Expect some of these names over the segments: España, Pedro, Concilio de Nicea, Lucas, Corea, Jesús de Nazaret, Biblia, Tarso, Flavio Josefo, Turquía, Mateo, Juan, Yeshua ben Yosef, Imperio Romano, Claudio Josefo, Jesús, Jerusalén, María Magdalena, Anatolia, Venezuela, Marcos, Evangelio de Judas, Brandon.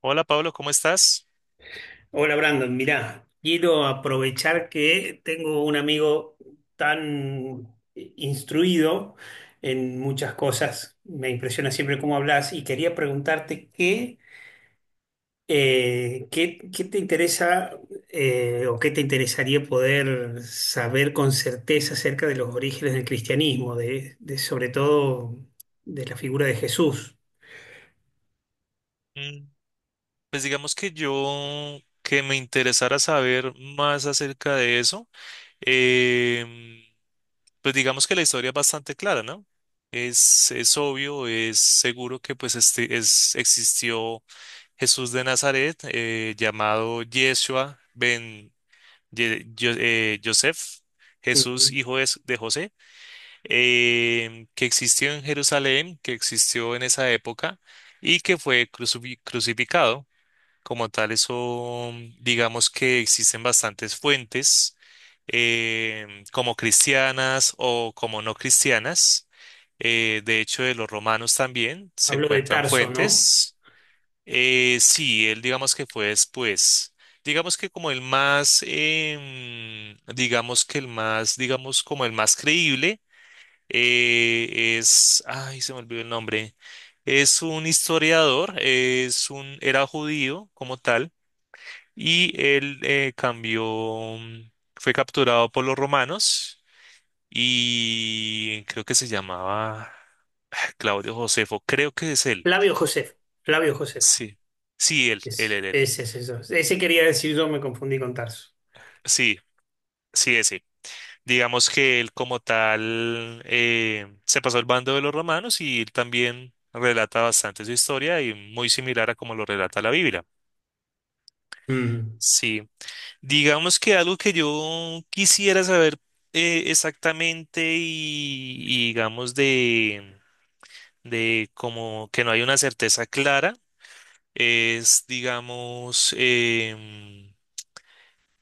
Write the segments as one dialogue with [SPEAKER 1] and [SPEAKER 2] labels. [SPEAKER 1] Hola Pablo, ¿cómo estás?
[SPEAKER 2] Hola Brandon, mirá, quiero aprovechar que tengo un amigo tan instruido en muchas cosas, me impresiona siempre cómo hablas y quería preguntarte qué te interesa o qué te interesaría poder saber con certeza acerca de los orígenes del cristianismo, de sobre todo de la figura de Jesús.
[SPEAKER 1] Mm. Pues digamos que yo, que me interesara saber más acerca de eso, em, pues digamos que la historia es bastante clara, ¿no? Es obvio, es seguro que pues este, es, existió Jesús de Nazaret, llamado Yeshua ben Yosef, Jesús
[SPEAKER 2] Ujú.
[SPEAKER 1] hijo de José. Que existió en Jerusalén, que existió en esa época y que fue crucificado. Como tal, eso digamos que existen bastantes fuentes, eh, como cristianas o como no cristianas. De hecho, de los romanos también se
[SPEAKER 2] Hablo de
[SPEAKER 1] encuentran
[SPEAKER 2] Tarso, ¿no?
[SPEAKER 1] fuentes. Sí, él digamos que fue después. Digamos que como el más, digamos que el más, digamos como el más creíble, es, ay, se me olvidó el nombre. Es un historiador, era judío como tal, y él cambió, mm, fue capturado por los romanos y creo que se llamaba ah, Claudio Josefo, creo que es él.
[SPEAKER 2] Flavio Josefo, Flavio Josefo.
[SPEAKER 1] Sí, sí, él, él,
[SPEAKER 2] Ese,
[SPEAKER 1] él, él.
[SPEAKER 2] ese es eso. Ese quería decir yo, me confundí con Tarso.
[SPEAKER 1] Sí, sí, ese. Digamos que él como tal se pasó al bando de los romanos y él también relata bastante su historia y muy similar a como lo relata la Biblia.
[SPEAKER 2] Mm.
[SPEAKER 1] Sí, digamos que algo que yo quisiera saber exactamente y digamos de como que no hay una certeza clara es, digamos, em,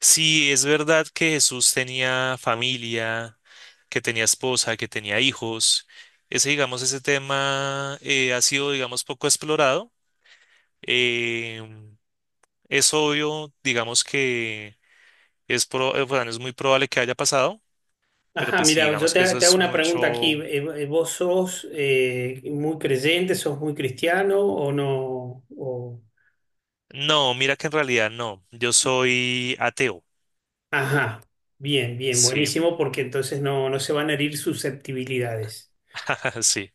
[SPEAKER 1] si es verdad que Jesús tenía familia, que tenía esposa, que tenía hijos. Ese, digamos, ese tema ha sido, digamos, poco explorado. Em, es obvio, digamos, que es, bueno, es muy probable que haya pasado, pero
[SPEAKER 2] Ajá,
[SPEAKER 1] pues sí,
[SPEAKER 2] mira,
[SPEAKER 1] digamos que eso
[SPEAKER 2] te hago
[SPEAKER 1] es
[SPEAKER 2] una pregunta aquí.
[SPEAKER 1] mucho.
[SPEAKER 2] ¿Vos sos muy creyente, sos muy cristiano o no? O...
[SPEAKER 1] No, mira que en realidad no. Yo soy ateo.
[SPEAKER 2] Ajá, bien, bien,
[SPEAKER 1] Sí,
[SPEAKER 2] buenísimo, porque entonces no, no se van a herir susceptibilidades.
[SPEAKER 1] sí.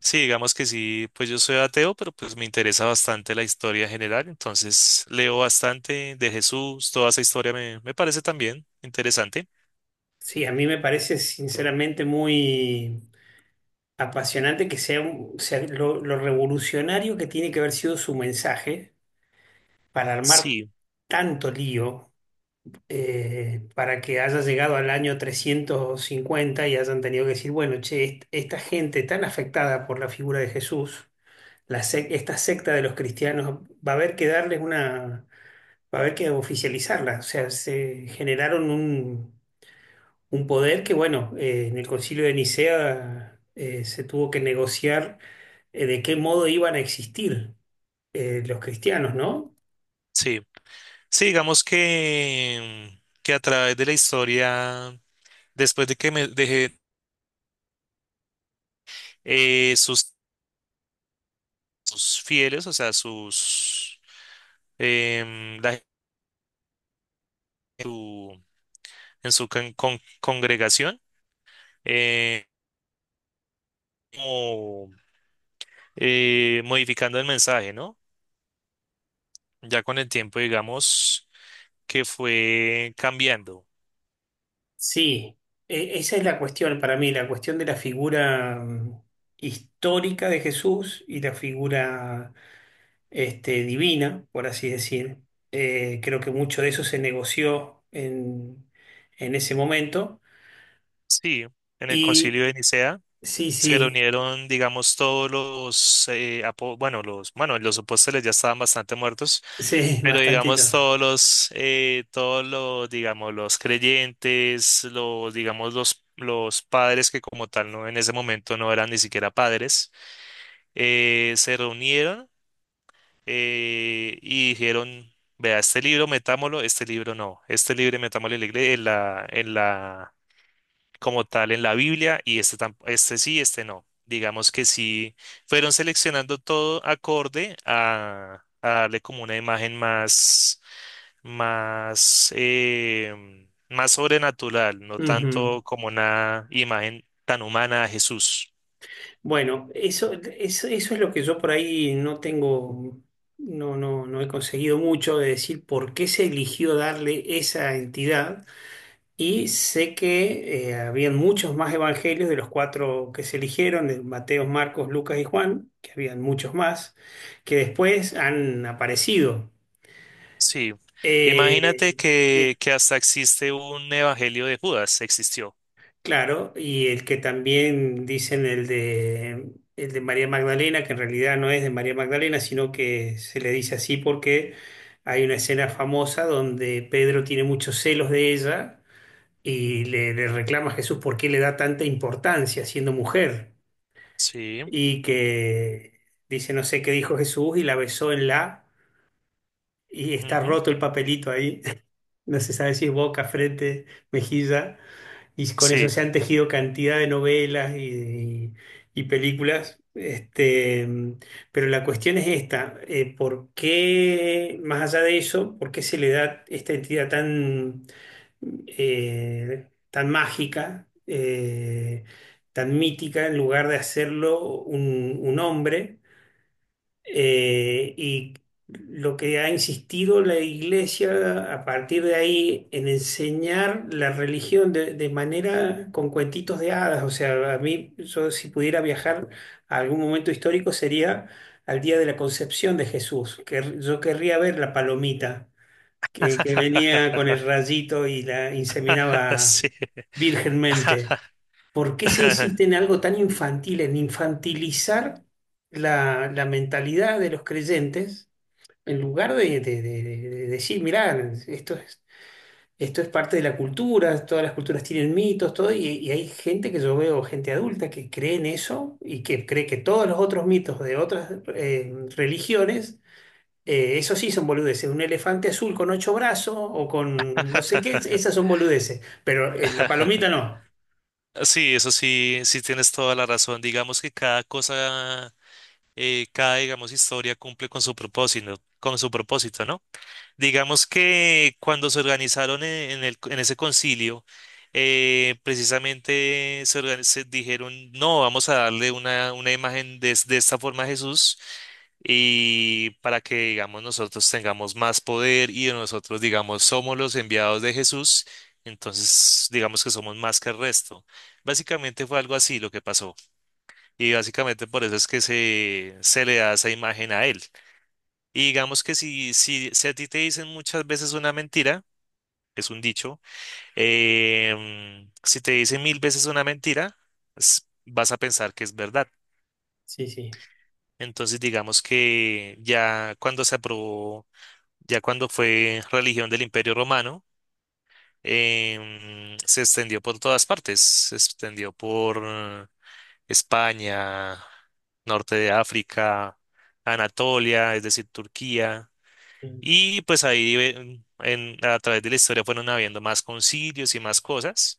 [SPEAKER 1] Sí, digamos que sí, pues yo soy ateo, pero pues me interesa bastante la historia general, entonces leo bastante de Jesús, toda esa historia me, me parece también interesante.
[SPEAKER 2] Sí, a mí me parece sinceramente muy apasionante que sea, sea lo revolucionario que tiene que haber sido su mensaje para armar
[SPEAKER 1] Sí,
[SPEAKER 2] tanto lío para que haya llegado al año 350 y hayan tenido que decir, bueno, che, esta gente tan afectada por la figura de Jesús, esta secta de los cristianos, va a haber que darles una, va a haber que oficializarla. O sea, se generaron un poder que, bueno, en el Concilio de Nicea se tuvo que negociar de qué modo iban a existir los cristianos, ¿no?
[SPEAKER 1] sí. Sí, digamos que a través de la historia, después de que me dejé sus, sus fieles, o sea, sus la gente en su, en su congregación, eh, como, modificando el mensaje, ¿no? Ya con el tiempo, digamos, que fue cambiando.
[SPEAKER 2] Sí, esa es la cuestión para mí, la cuestión de la figura histórica de Jesús y la figura este, divina, por así decir. Creo que mucho de eso se negoció en ese momento.
[SPEAKER 1] Sí, en el concilio
[SPEAKER 2] Y
[SPEAKER 1] de Nicea.
[SPEAKER 2] sí,
[SPEAKER 1] Se
[SPEAKER 2] sí,
[SPEAKER 1] reunieron, digamos, todos los, bueno, los, bueno, los apóstoles ya estaban bastante muertos,
[SPEAKER 2] sí,
[SPEAKER 1] pero
[SPEAKER 2] bastantito.
[SPEAKER 1] digamos todos los, digamos, los creyentes, los, digamos, los padres que como tal no, en ese momento no eran ni siquiera padres, se reunieron y dijeron, vea, este libro metámoslo, este libro no, este libro metámoslo en en la como tal en la Biblia y este, este sí, este no. Digamos que sí, fueron seleccionando todo acorde a darle como una imagen más, más, más sobrenatural, no
[SPEAKER 2] Ujú.
[SPEAKER 1] tanto como una imagen tan humana a Jesús.
[SPEAKER 2] Bueno, eso es lo que yo por ahí no tengo, no he conseguido mucho de decir por qué se eligió darle esa entidad. Y sé que habían muchos más evangelios de los cuatro que se eligieron, de Mateo, Marcos, Lucas y Juan, que habían muchos más, que después han aparecido.
[SPEAKER 1] Sí, imagínate
[SPEAKER 2] Eh, sí,
[SPEAKER 1] que hasta existe un evangelio de Judas, existió.
[SPEAKER 2] claro, y el que también dicen el de María Magdalena, que en realidad no es de María Magdalena, sino que se le dice así porque hay una escena famosa donde Pedro tiene muchos celos de ella y le reclama a Jesús por qué le da tanta importancia siendo mujer.
[SPEAKER 1] Sí,
[SPEAKER 2] Y que dice, no sé qué dijo Jesús y la besó en la, y está
[SPEAKER 1] ujú,
[SPEAKER 2] roto el papelito ahí, no se sabe si es boca, frente, mejilla, y con eso
[SPEAKER 1] sí.
[SPEAKER 2] se han tejido cantidad de novelas y películas. Este, mm, pero la cuestión es esta, ¿por qué, más allá de eso, por qué se le da esta entidad tan, tan mágica, tan mítica, en lugar de hacerlo un hombre? Y lo que ha insistido la iglesia a partir de ahí en enseñar la religión de manera con cuentitos de hadas. O sea, a mí, yo si pudiera viajar a algún momento histórico sería al día de la concepción de Jesús, que yo querría ver la palomita que venía con el rayito y la inseminaba
[SPEAKER 1] Sí.
[SPEAKER 2] virgenmente. ¿Por qué se insiste en algo tan infantil, en infantilizar la mentalidad de los creyentes, en lugar de, de decir, mirá, esto es, esto es parte de la cultura, todas las culturas tienen mitos, todo, y hay gente que yo veo, gente adulta, que cree en eso y que cree que todos los otros mitos de otras religiones, eso sí son boludeces, un elefante azul con ocho brazos o con no sé qué, esas son boludeces, pero la palomita no.
[SPEAKER 1] Sí, eso sí, sí tienes toda la razón. Digamos que cada cosa, cada, digamos, historia cumple con su propósito, ¿no? Digamos que cuando se organizaron en el, en ese concilio, precisamente se, se dijeron, no, vamos a darle una imagen de esta forma a Jesús y para que, digamos, nosotros tengamos más poder y nosotros, digamos, somos los enviados de Jesús, entonces digamos que somos más que el resto. Básicamente fue algo así lo que pasó y básicamente por eso es que se le da esa imagen a él. Y digamos que si, si, si a ti te dicen muchas veces una mentira, es un dicho, em, si te dicen 1000 veces una mentira, vas a pensar que es verdad.
[SPEAKER 2] Sí, sí.
[SPEAKER 1] Entonces digamos que ya cuando se aprobó, ya cuando fue religión del Imperio Romano, em, se extendió por todas partes, se extendió por España, norte de África, Anatolia, es decir, Turquía, y pues ahí a través de la historia fueron habiendo más concilios y más cosas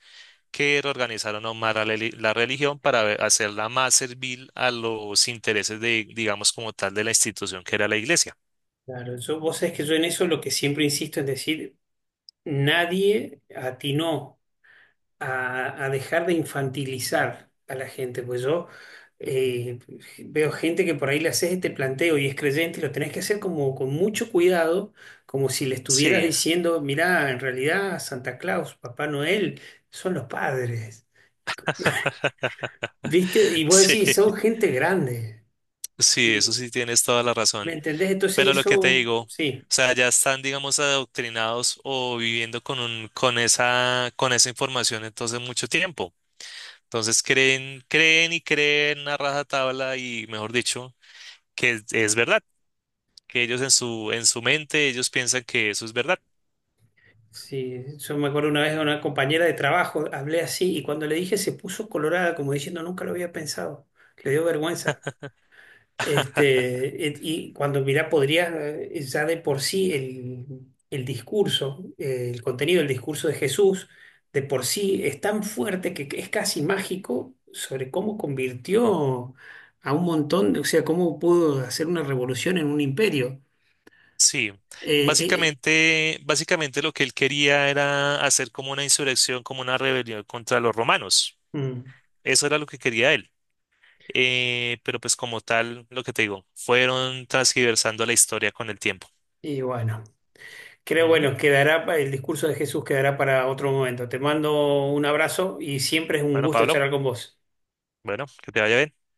[SPEAKER 1] que reorganizaron aún más la religión para hacerla más servil a los intereses de, digamos, como tal de la institución que era la iglesia.
[SPEAKER 2] Claro, yo, vos sabés que yo en eso lo que siempre insisto es decir, nadie atinó a dejar de infantilizar a la gente, pues yo eh, veo gente que por ahí le haces este planteo y es creyente y lo tenés que hacer como con mucho cuidado, como si le estuvieras
[SPEAKER 1] Sí,
[SPEAKER 2] diciendo, mirá, en realidad Santa Claus, Papá Noel, son los padres, ¿viste? Y vos
[SPEAKER 1] sí,
[SPEAKER 2] decís, son gente grande,
[SPEAKER 1] sí,
[SPEAKER 2] y,
[SPEAKER 1] eso sí tienes toda la
[SPEAKER 2] ¿me
[SPEAKER 1] razón.
[SPEAKER 2] entendés? Entonces
[SPEAKER 1] Pero lo que te
[SPEAKER 2] eso,
[SPEAKER 1] digo, o
[SPEAKER 2] sí.
[SPEAKER 1] sea, ya están, digamos, adoctrinados o viviendo con un, con esa información entonces mucho tiempo. Entonces creen, creen y creen a rajatabla y, mejor dicho, que es verdad, que ellos en su mente, ellos piensan que eso es verdad.
[SPEAKER 2] Sí, yo me acuerdo una vez de una compañera de trabajo, hablé así y cuando le dije se puso colorada como diciendo nunca lo había pensado, le dio vergüenza. Este, y cuando mirá, podría ya de por sí el discurso, el contenido del discurso de Jesús, de por sí es tan fuerte que es casi mágico sobre cómo convirtió a un montón, de- o sea, cómo pudo hacer una revolución en un imperio.
[SPEAKER 1] Sí,
[SPEAKER 2] Eh, eh,
[SPEAKER 1] básicamente, básicamente lo que él quería era hacer como una insurrección, como una rebelión contra los romanos.
[SPEAKER 2] mm,
[SPEAKER 1] Eso era lo que quería él. Pero pues como tal, lo que te digo, fueron transgiversando la historia con el tiempo.
[SPEAKER 2] y bueno. Creo,
[SPEAKER 1] Ujú.
[SPEAKER 2] bueno, quedará, el discurso de Jesús quedará para otro momento. Te mando un abrazo y siempre es un
[SPEAKER 1] Bueno,
[SPEAKER 2] gusto
[SPEAKER 1] Pablo,
[SPEAKER 2] charlar con vos.
[SPEAKER 1] bueno, que te vaya bien.